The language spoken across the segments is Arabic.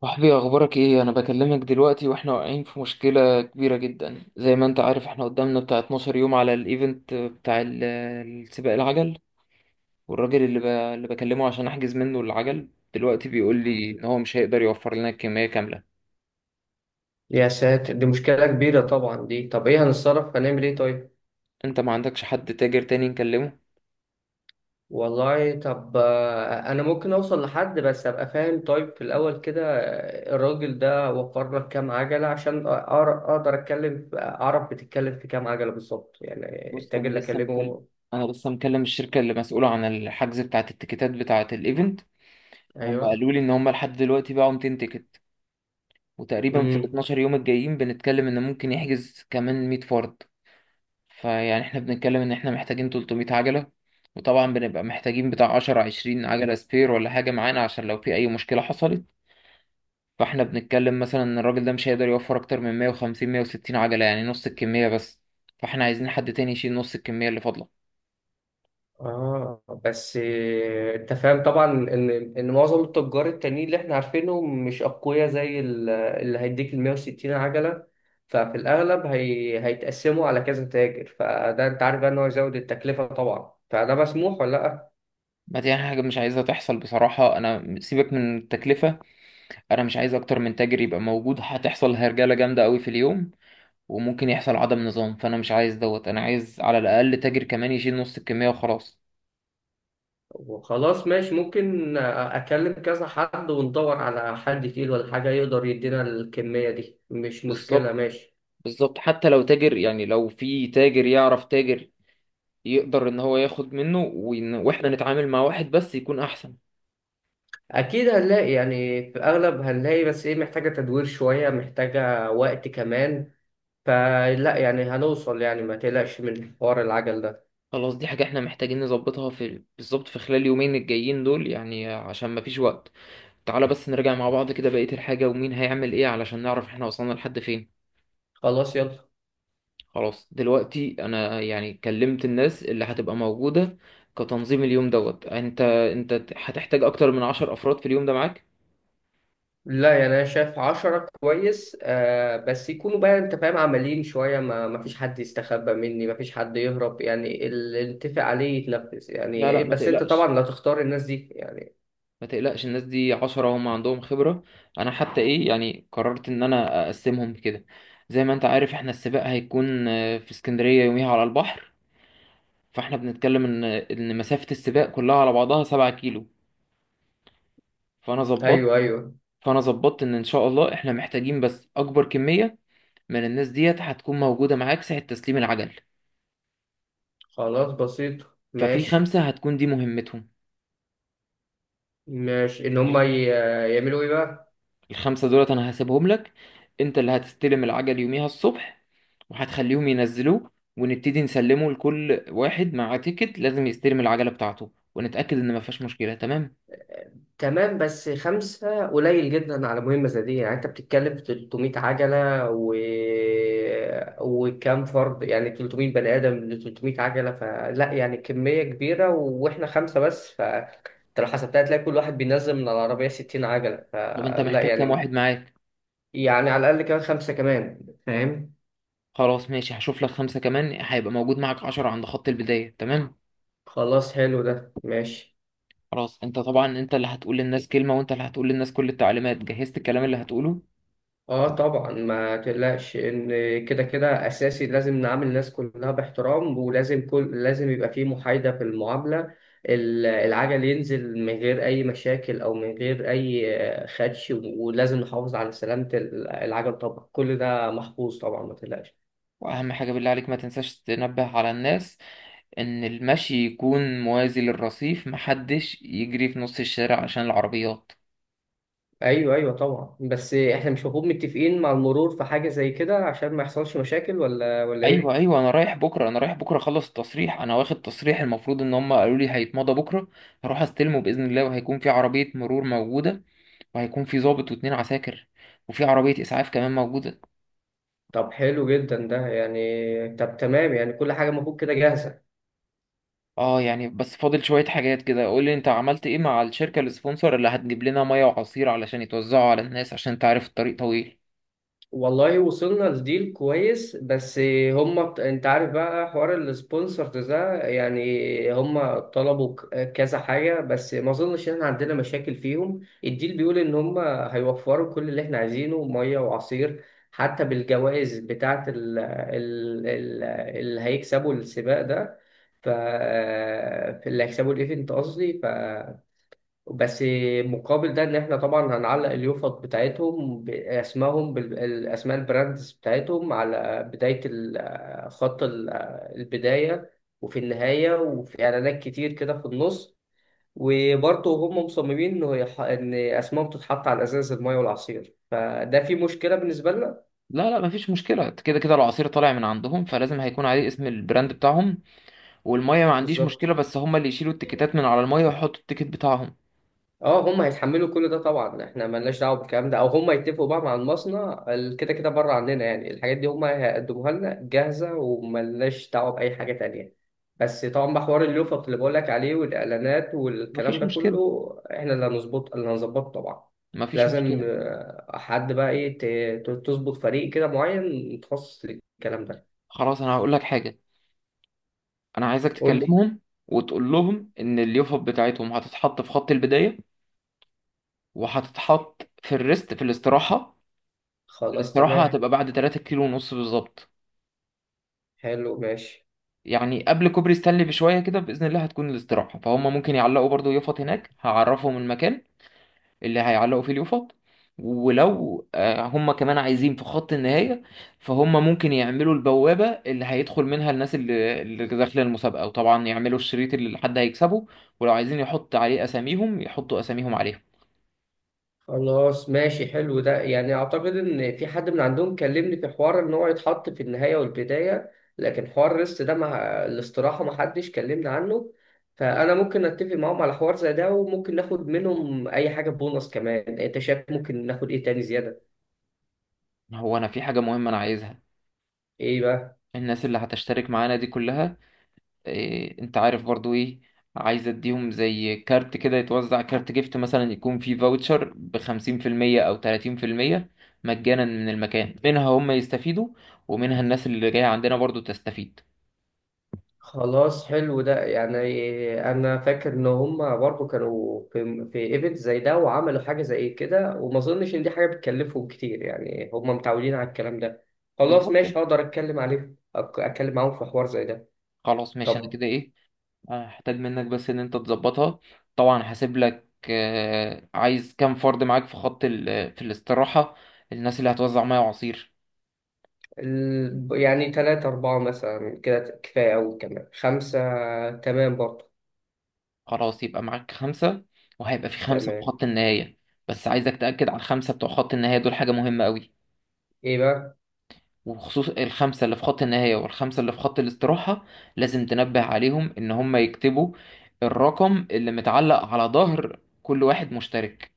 صاحبي اخبارك ايه؟ انا بكلمك دلوقتي واحنا واقعين في مشكله كبيره جدا، زي ما انت عارف احنا قدامنا بتاع 12 يوم على الايفنت بتاع السباق العجل. والراجل اللي اللي بكلمه عشان احجز منه العجل دلوقتي بيقول لي ان هو مش هيقدر يوفر لنا الكميه كامله. يا ساتر، دي مشكلة كبيرة طبعا دي. طب ايه هنتصرف؟ هنعمل ايه طيب؟ انت ما عندكش حد تاجر تاني نكلمه؟ والله طب، انا ممكن اوصل لحد، بس ابقى فاهم طيب في الاول كده. الراجل ده وفر لك كام عجلة؟ عشان اقدر اتكلم، اعرف بتتكلم في كام عجلة بالظبط يعني، بص، التاجر اللي اكلمه. انا لسه مكلم الشركه اللي مسؤوله عن الحجز بتاعه التيكيتات بتاعه الايفنت. هم ايوه. قالوا لي ان هم لحد دلوقتي باعوا 200 تيكت، وتقريبا في ال امم 12 يوم الجايين بنتكلم ان ممكن يحجز كمان 100 فرد. فيعني احنا بنتكلم ان احنا محتاجين 300 عجلة. وطبعا بنبقى محتاجين بتاع 10 20 عجلة سبير ولا حاجة معانا عشان لو في اي مشكلة حصلت. فاحنا بنتكلم مثلا ان الراجل ده مش هيقدر يوفر اكتر من 150 160 عجلة يعني نص الكمية بس. فاحنا عايزين حد تاني يشيل نص الكمية اللي فاضلة. اه بس، انت فاهم طبعا ان معظم التجار التانيين اللي احنا عارفينهم مش اقوياء زي اللي هيديك ال 160 عجله، ففي الاغلب هيتقسموا على كذا تاجر. فده، انت عارف بقى ان هو يزود التكلفه طبعا، فده مسموح ولا لا؟ ما دي حاجة مش عايزها تحصل بصراحة. أنا سيبك من التكلفة، أنا مش عايز أكتر من تاجر يبقى موجود. هتحصل هرجلة جامدة أوي في اليوم وممكن يحصل عدم نظام، فأنا مش عايز دوت. أنا عايز على الأقل تاجر كمان يشيل نص الكمية وخلاص. وخلاص ماشي، ممكن اكلم كذا حد وندور على حد تقيل ولا حاجه يقدر يدينا الكميه دي، مش مشكله، بالظبط. ماشي. بالظبط، حتى لو تاجر، يعني لو في تاجر يعرف تاجر يقدر ان هو ياخد منه، وإن واحنا نتعامل مع واحد بس يكون احسن. اكيد هنلاقي يعني، في اغلب هنلاقي، بس ايه، محتاجه تدوير شويه، محتاجه وقت كمان. فلا يعني هنوصل يعني، ما تقلقش من حوار العجل ده. خلاص، دي حاجة احنا محتاجين نظبطها في بالظبط في خلال يومين الجايين دول يعني عشان مفيش وقت. تعالى بس نرجع مع بعض كده بقية الحاجة ومين هيعمل ايه علشان نعرف احنا وصلنا لحد فين. خلاص يلا. خلاص دلوقتي انا يعني كلمت الناس اللي هتبقى موجودة كتنظيم اليوم دوت. انت هتحتاج اكتر من عشر افراد في اليوم ده معاك؟ لا، يعني انا شايف 10 كويس بس يكونوا بقى، انت فاهم، عمليين شوية. ما فيش حد يستخبى مني، ما فيش حد يهرب. يعني اللي نتفق عليه يتنفذ يعني لا لا، ايه، ما بس انت تقلقش. طبعا لا تختار الناس دي يعني. ما تقلقش الناس دي عشرة هم عندهم خبرة. أنا حتى إيه، يعني قررت إن أنا أقسمهم كده. زي ما أنت عارف إحنا السباق هيكون في اسكندرية يوميها على البحر. فإحنا بنتكلم إن مسافة السباق كلها على بعضها سبعة كيلو. فأنا ايوه، ظبطت ايوه. فأنا ظبطت إن إن شاء الله إحنا محتاجين بس أكبر كمية من الناس ديت هتكون موجودة معاك ساعة تسليم العجل. خلاص بسيط. ففي ماشي. خمسة هتكون دي مهمتهم. ماشي، ان هم يعملوا ايه بقى؟ الخمسة دولت أنا هسيبهم لك، أنت اللي هتستلم العجل يوميها الصبح وهتخليهم ينزلوه، ونبتدي نسلمه لكل واحد مع تيكت. لازم يستلم العجلة بتاعته ونتأكد إن مفيهاش مشكلة. تمام. تمام، بس خمسة قليل جدا على مهمة زي دي. يعني انت بتتكلم في 300 عجلة و... وكام فرد، يعني 300 بني آدم ل 300 عجلة، فلا يعني كمية كبيرة و... واحنا خمسة بس. فانت لو حسبتها هتلاقي كل واحد بينزل من العربية 60 عجلة، طب أنت فلا محتاج كام يعني. واحد معاك؟ يعني على الأقل كمان خمسة كمان، فاهم؟ خلاص ماشي، هشوف لك خمسة كمان هيبقى موجود معاك عشرة عند خط البداية. تمام خلاص حلو ده ماشي. خلاص. أنت طبعا أنت اللي هتقول للناس كلمة، وأنت اللي هتقول للناس كل التعليمات. جهزت الكلام اللي هتقوله؟ اه طبعا ما تقلقش، ان كده كده اساسي لازم نعامل الناس كلها باحترام، ولازم كل لازم يبقى في محايدة في المعاملة. العجل ينزل من غير اي مشاكل او من غير اي خدش، ولازم نحافظ على سلامة العجل طبعا. كل ده محفوظ طبعا، ما تقلقش. وأهم حاجة بالله عليك، ما تنساش تنبه على الناس ان المشي يكون موازي للرصيف، محدش يجري في نص الشارع عشان العربيات. ايوه، ايوه طبعا، بس احنا مش المفروض متفقين مع المرور في حاجة زي كده عشان ما يحصلش مشاكل، ولا ايوه ايه؟ ايوه، انا رايح بكره اخلص التصريح. انا واخد تصريح، المفروض ان هم قالوا لي هيتمضى بكره. هروح استلمه باذن الله، وهيكون في عربيه مرور موجوده، وهيكون في ضابط واتنين عساكر، وفي عربيه اسعاف كمان موجوده. طب حلو جدا ده يعني. طب تمام يعني، كل حاجة المفروض كده جاهزة. اه يعني بس فاضل شويه حاجات كده. قول لي انت عملت ايه مع الشركه السبونسر اللي هتجيب لنا ميه وعصير علشان يتوزعوا على الناس، عشان تعرف الطريق طويل. والله وصلنا لديل كويس بس. هم انت عارف بقى حوار السبونسرز ده، يعني هم طلبوا كذا حاجة، بس ما اظنش ان احنا عندنا مشاكل فيهم. الديل بيقول ان هم هيوفروا كل اللي احنا عايزينه، مية وعصير. حتى بالجوائز بتاعة ال اللي هيكسبوا السباق ده، ف اللي هيكسبوا الايفنت قصدي، بس. مقابل ده ان احنا طبعا هنعلق اليوفط بتاعتهم بالاسماء، البراندز بتاعتهم، على بداية خط البداية، وفي النهاية، وفي اعلانات كتير كده في النص. وبرضه هم مصممين انه ان اسمائهم تتحط على ازاز المايه والعصير، فده في مشكلة بالنسبة لنا. لا لا، مفيش مشكلة. كده كده العصير طالع من عندهم فلازم هيكون عليه اسم البراند بتاعهم. والمية ما عنديش بالظبط. مشكلة، بس هما اللي يشيلوا التيكيتات من على المية ويحطوا التيكيت بتاعهم. اه هم هيتحملوا كل ده طبعا، احنا ملناش دعوه بالكلام ده، او هم يتفقوا بقى مع المصنع، كده كده بره عننا. يعني الحاجات دي هم هيقدموها لنا جاهزه، وملناش دعوه باي حاجه تانية. بس طبعا بقى، حوار اللوفت اللي بقول لك عليه والاعلانات والكلام مفيش ده مشكلة، كله احنا اللي هنظبطه طبعا. مفيش لازم مشكلة. حد بقى ايه تظبط فريق كده معين متخصص للكلام ده. خلاص أنا هقول لك حاجة، أنا عايزك قول لي. تكلمهم وتقول لهم إن اليوفب بتاعتهم هتتحط في خط البداية، وهتتحط في الريست في الاستراحة. خلاص الاستراحة تمام. هتبقى بعد 3 كيلو ونص بالظبط. حلو، ماشي. يعني قبل كوبري ستانلي بشوية كده بإذن الله هتكون الاستراحة، فهم ممكن يعلقوا برضو يفط هناك، هعرفهم المكان اللي هيعلقوا فيه اليوفط. ولو هم كمان عايزين في خط النهاية، فهم ممكن يعملوا البوابة اللي هيدخل منها الناس اللي داخلة المسابقة، وطبعا يعملوا الشريط اللي حد هيكسبه، ولو عايزين يحط عليه أساميهم يحطوا أساميهم عليهم. خلاص ماشي حلو ده، يعني اعتقد ان في حد من عندهم كلمني في حوار ان هو يتحط في النهاية والبداية، لكن حوار الريست ده، مع الاستراحة، ما حدش كلمني عنه. فانا ممكن اتفق معاهم على حوار زي ده، وممكن ناخد منهم اي حاجة بونص كمان. انت شايف ممكن ناخد ايه تاني زيادة؟ هو أنا في حاجة مهمة أنا عايزها. ايه بقى؟ الناس اللي هتشترك معانا دي كلها، إيه انت عارف برضو ايه، عايز اديهم زي كارت كده يتوزع، كارت جيفت مثلا يكون فيه فاوتشر بخمسين في المية او تلاتين في المية مجانا من المكان. منها هم يستفيدوا ومنها الناس اللي جاية عندنا برضو تستفيد. خلاص حلو ده يعني، انا فاكر ان هما برضو كانوا في ايفنت زي ده وعملوا حاجه زي كده، وما اظنش ان دي حاجه بتكلفهم كتير. يعني هما متعودين على الكلام ده. خلاص بالظبط. ماشي، هقدر اتكلم عليه. اتكلم معاهم في حوار زي ده. خلاص ماشي، انا طب كده ايه هحتاج منك بس ان انت تظبطها. طبعا هسيب لك، عايز كام فرد معاك في خط في الاستراحة الناس اللي هتوزع ميه وعصير؟ يعني تلاتة، أربعة مثلا كده كفاية أوي، كمان خمسة تمام برضو. خلاص يبقى معاك خمسة، وهيبقى في خمسة في تمام. خط النهاية. بس عايزك تأكد على الخمسة بتوع خط النهاية دول، حاجة مهمة قوي. إيه بقى؟ وخصوص الخمسة اللي في خط النهاية والخمسة اللي في خط الاستراحة، لازم تنبه عليهم إن هم يكتبوا الرقم اللي متعلق على ظهر كل واحد مشترك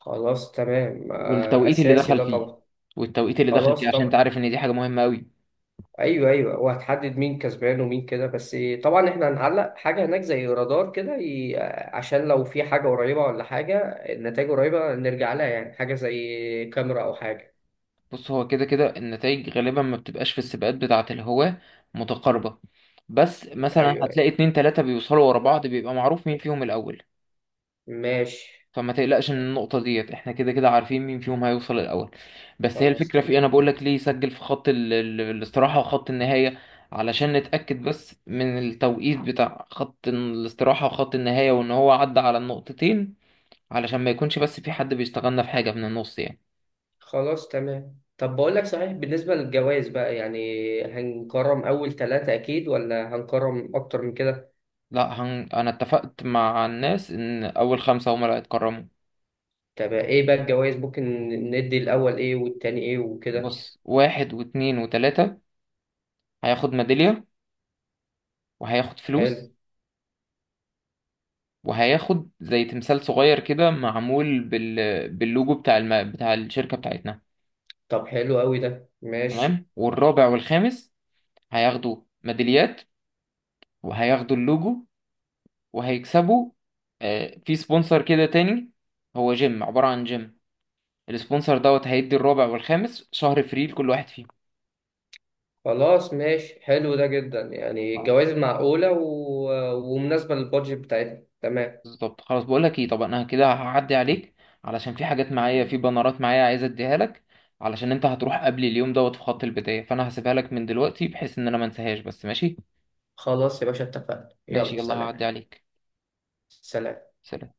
خلاص تمام، والتوقيت اللي أساسي دخل ده فيه. طبعا. والتوقيت اللي دخل فيه، خلاص عشان طبعا. تعرف إن دي حاجة مهمة قوي. ايوه، ايوه، وهتحدد مين كسبان ومين كده بس. طبعا احنا هنعلق حاجه هناك زي رادار كده عشان لو في حاجه قريبه ولا حاجه، النتائج قريبه نرجع لها. يعني حاجه زي كاميرا او حاجه. بص هو كده كده النتائج غالبا ما بتبقاش في السباقات بتاعة الهواة متقاربة، بس مثلا ايوه، هتلاقي ايوه، اتنين تلاتة بيوصلوا ورا بعض بيبقى معروف مين فيهم الأول. ماشي. فما تقلقش من النقطة ديت، احنا كده كده عارفين مين فيهم هيوصل الأول. بس هي خلاص الفكرة في تمام. ايه؟ انا بقول لك ليه سجل في خط الاستراحة وخط النهاية، علشان نتأكد بس من التوقيت بتاع خط الاستراحة وخط النهاية وان هو عدى على النقطتين، علشان ما يكونش بس في حد بيشتغلنا في حاجة من النص يعني. خلاص تمام. طب بقول لك صحيح، بالنسبه للجوائز بقى يعني، هنكرم اول ثلاثه اكيد، ولا هنكرم اكتر من كده؟ لا انا اتفقت مع الناس ان اول خمسة هما اللي هيتكرموا. طب ايه بقى الجوائز؟ ممكن ندي الاول ايه والتاني ايه وكده. بص واحد واتنين وتلاتة هياخد ميدالية، وهياخد فلوس، حلو. وهياخد زي تمثال صغير كده معمول باللوجو بتاع بتاع الشركة بتاعتنا. طب حلو قوي ده، ماشي. تمام. والرابع والخامس هياخدوا ميداليات وهياخدوا اللوجو وهيكسبوا، آه، في سبونسر كده تاني هو جيم، عبارة عن جيم. السبونسر دوت هيدي الرابع والخامس شهر فري لكل واحد فيهم. خلاص ماشي، حلو ده جدا يعني، الجوائز معقولة و... ومناسبة للبادجت بتاعتنا، تمام. بالظبط. خلاص بقول لك ايه، طب انا كده هعدي عليك علشان في حاجات معايا، في بنرات معايا عايز اديها لك، علشان انت هتروح قبل اليوم دوت في خط البداية، فانا هسيبها لك من دلوقتي بحيث ان انا ما انساهاش بس. ماشي. خلاص يا باشا اتفقنا، ماشي يلا يلا سلام. هعدي عليك. سلام. سلام.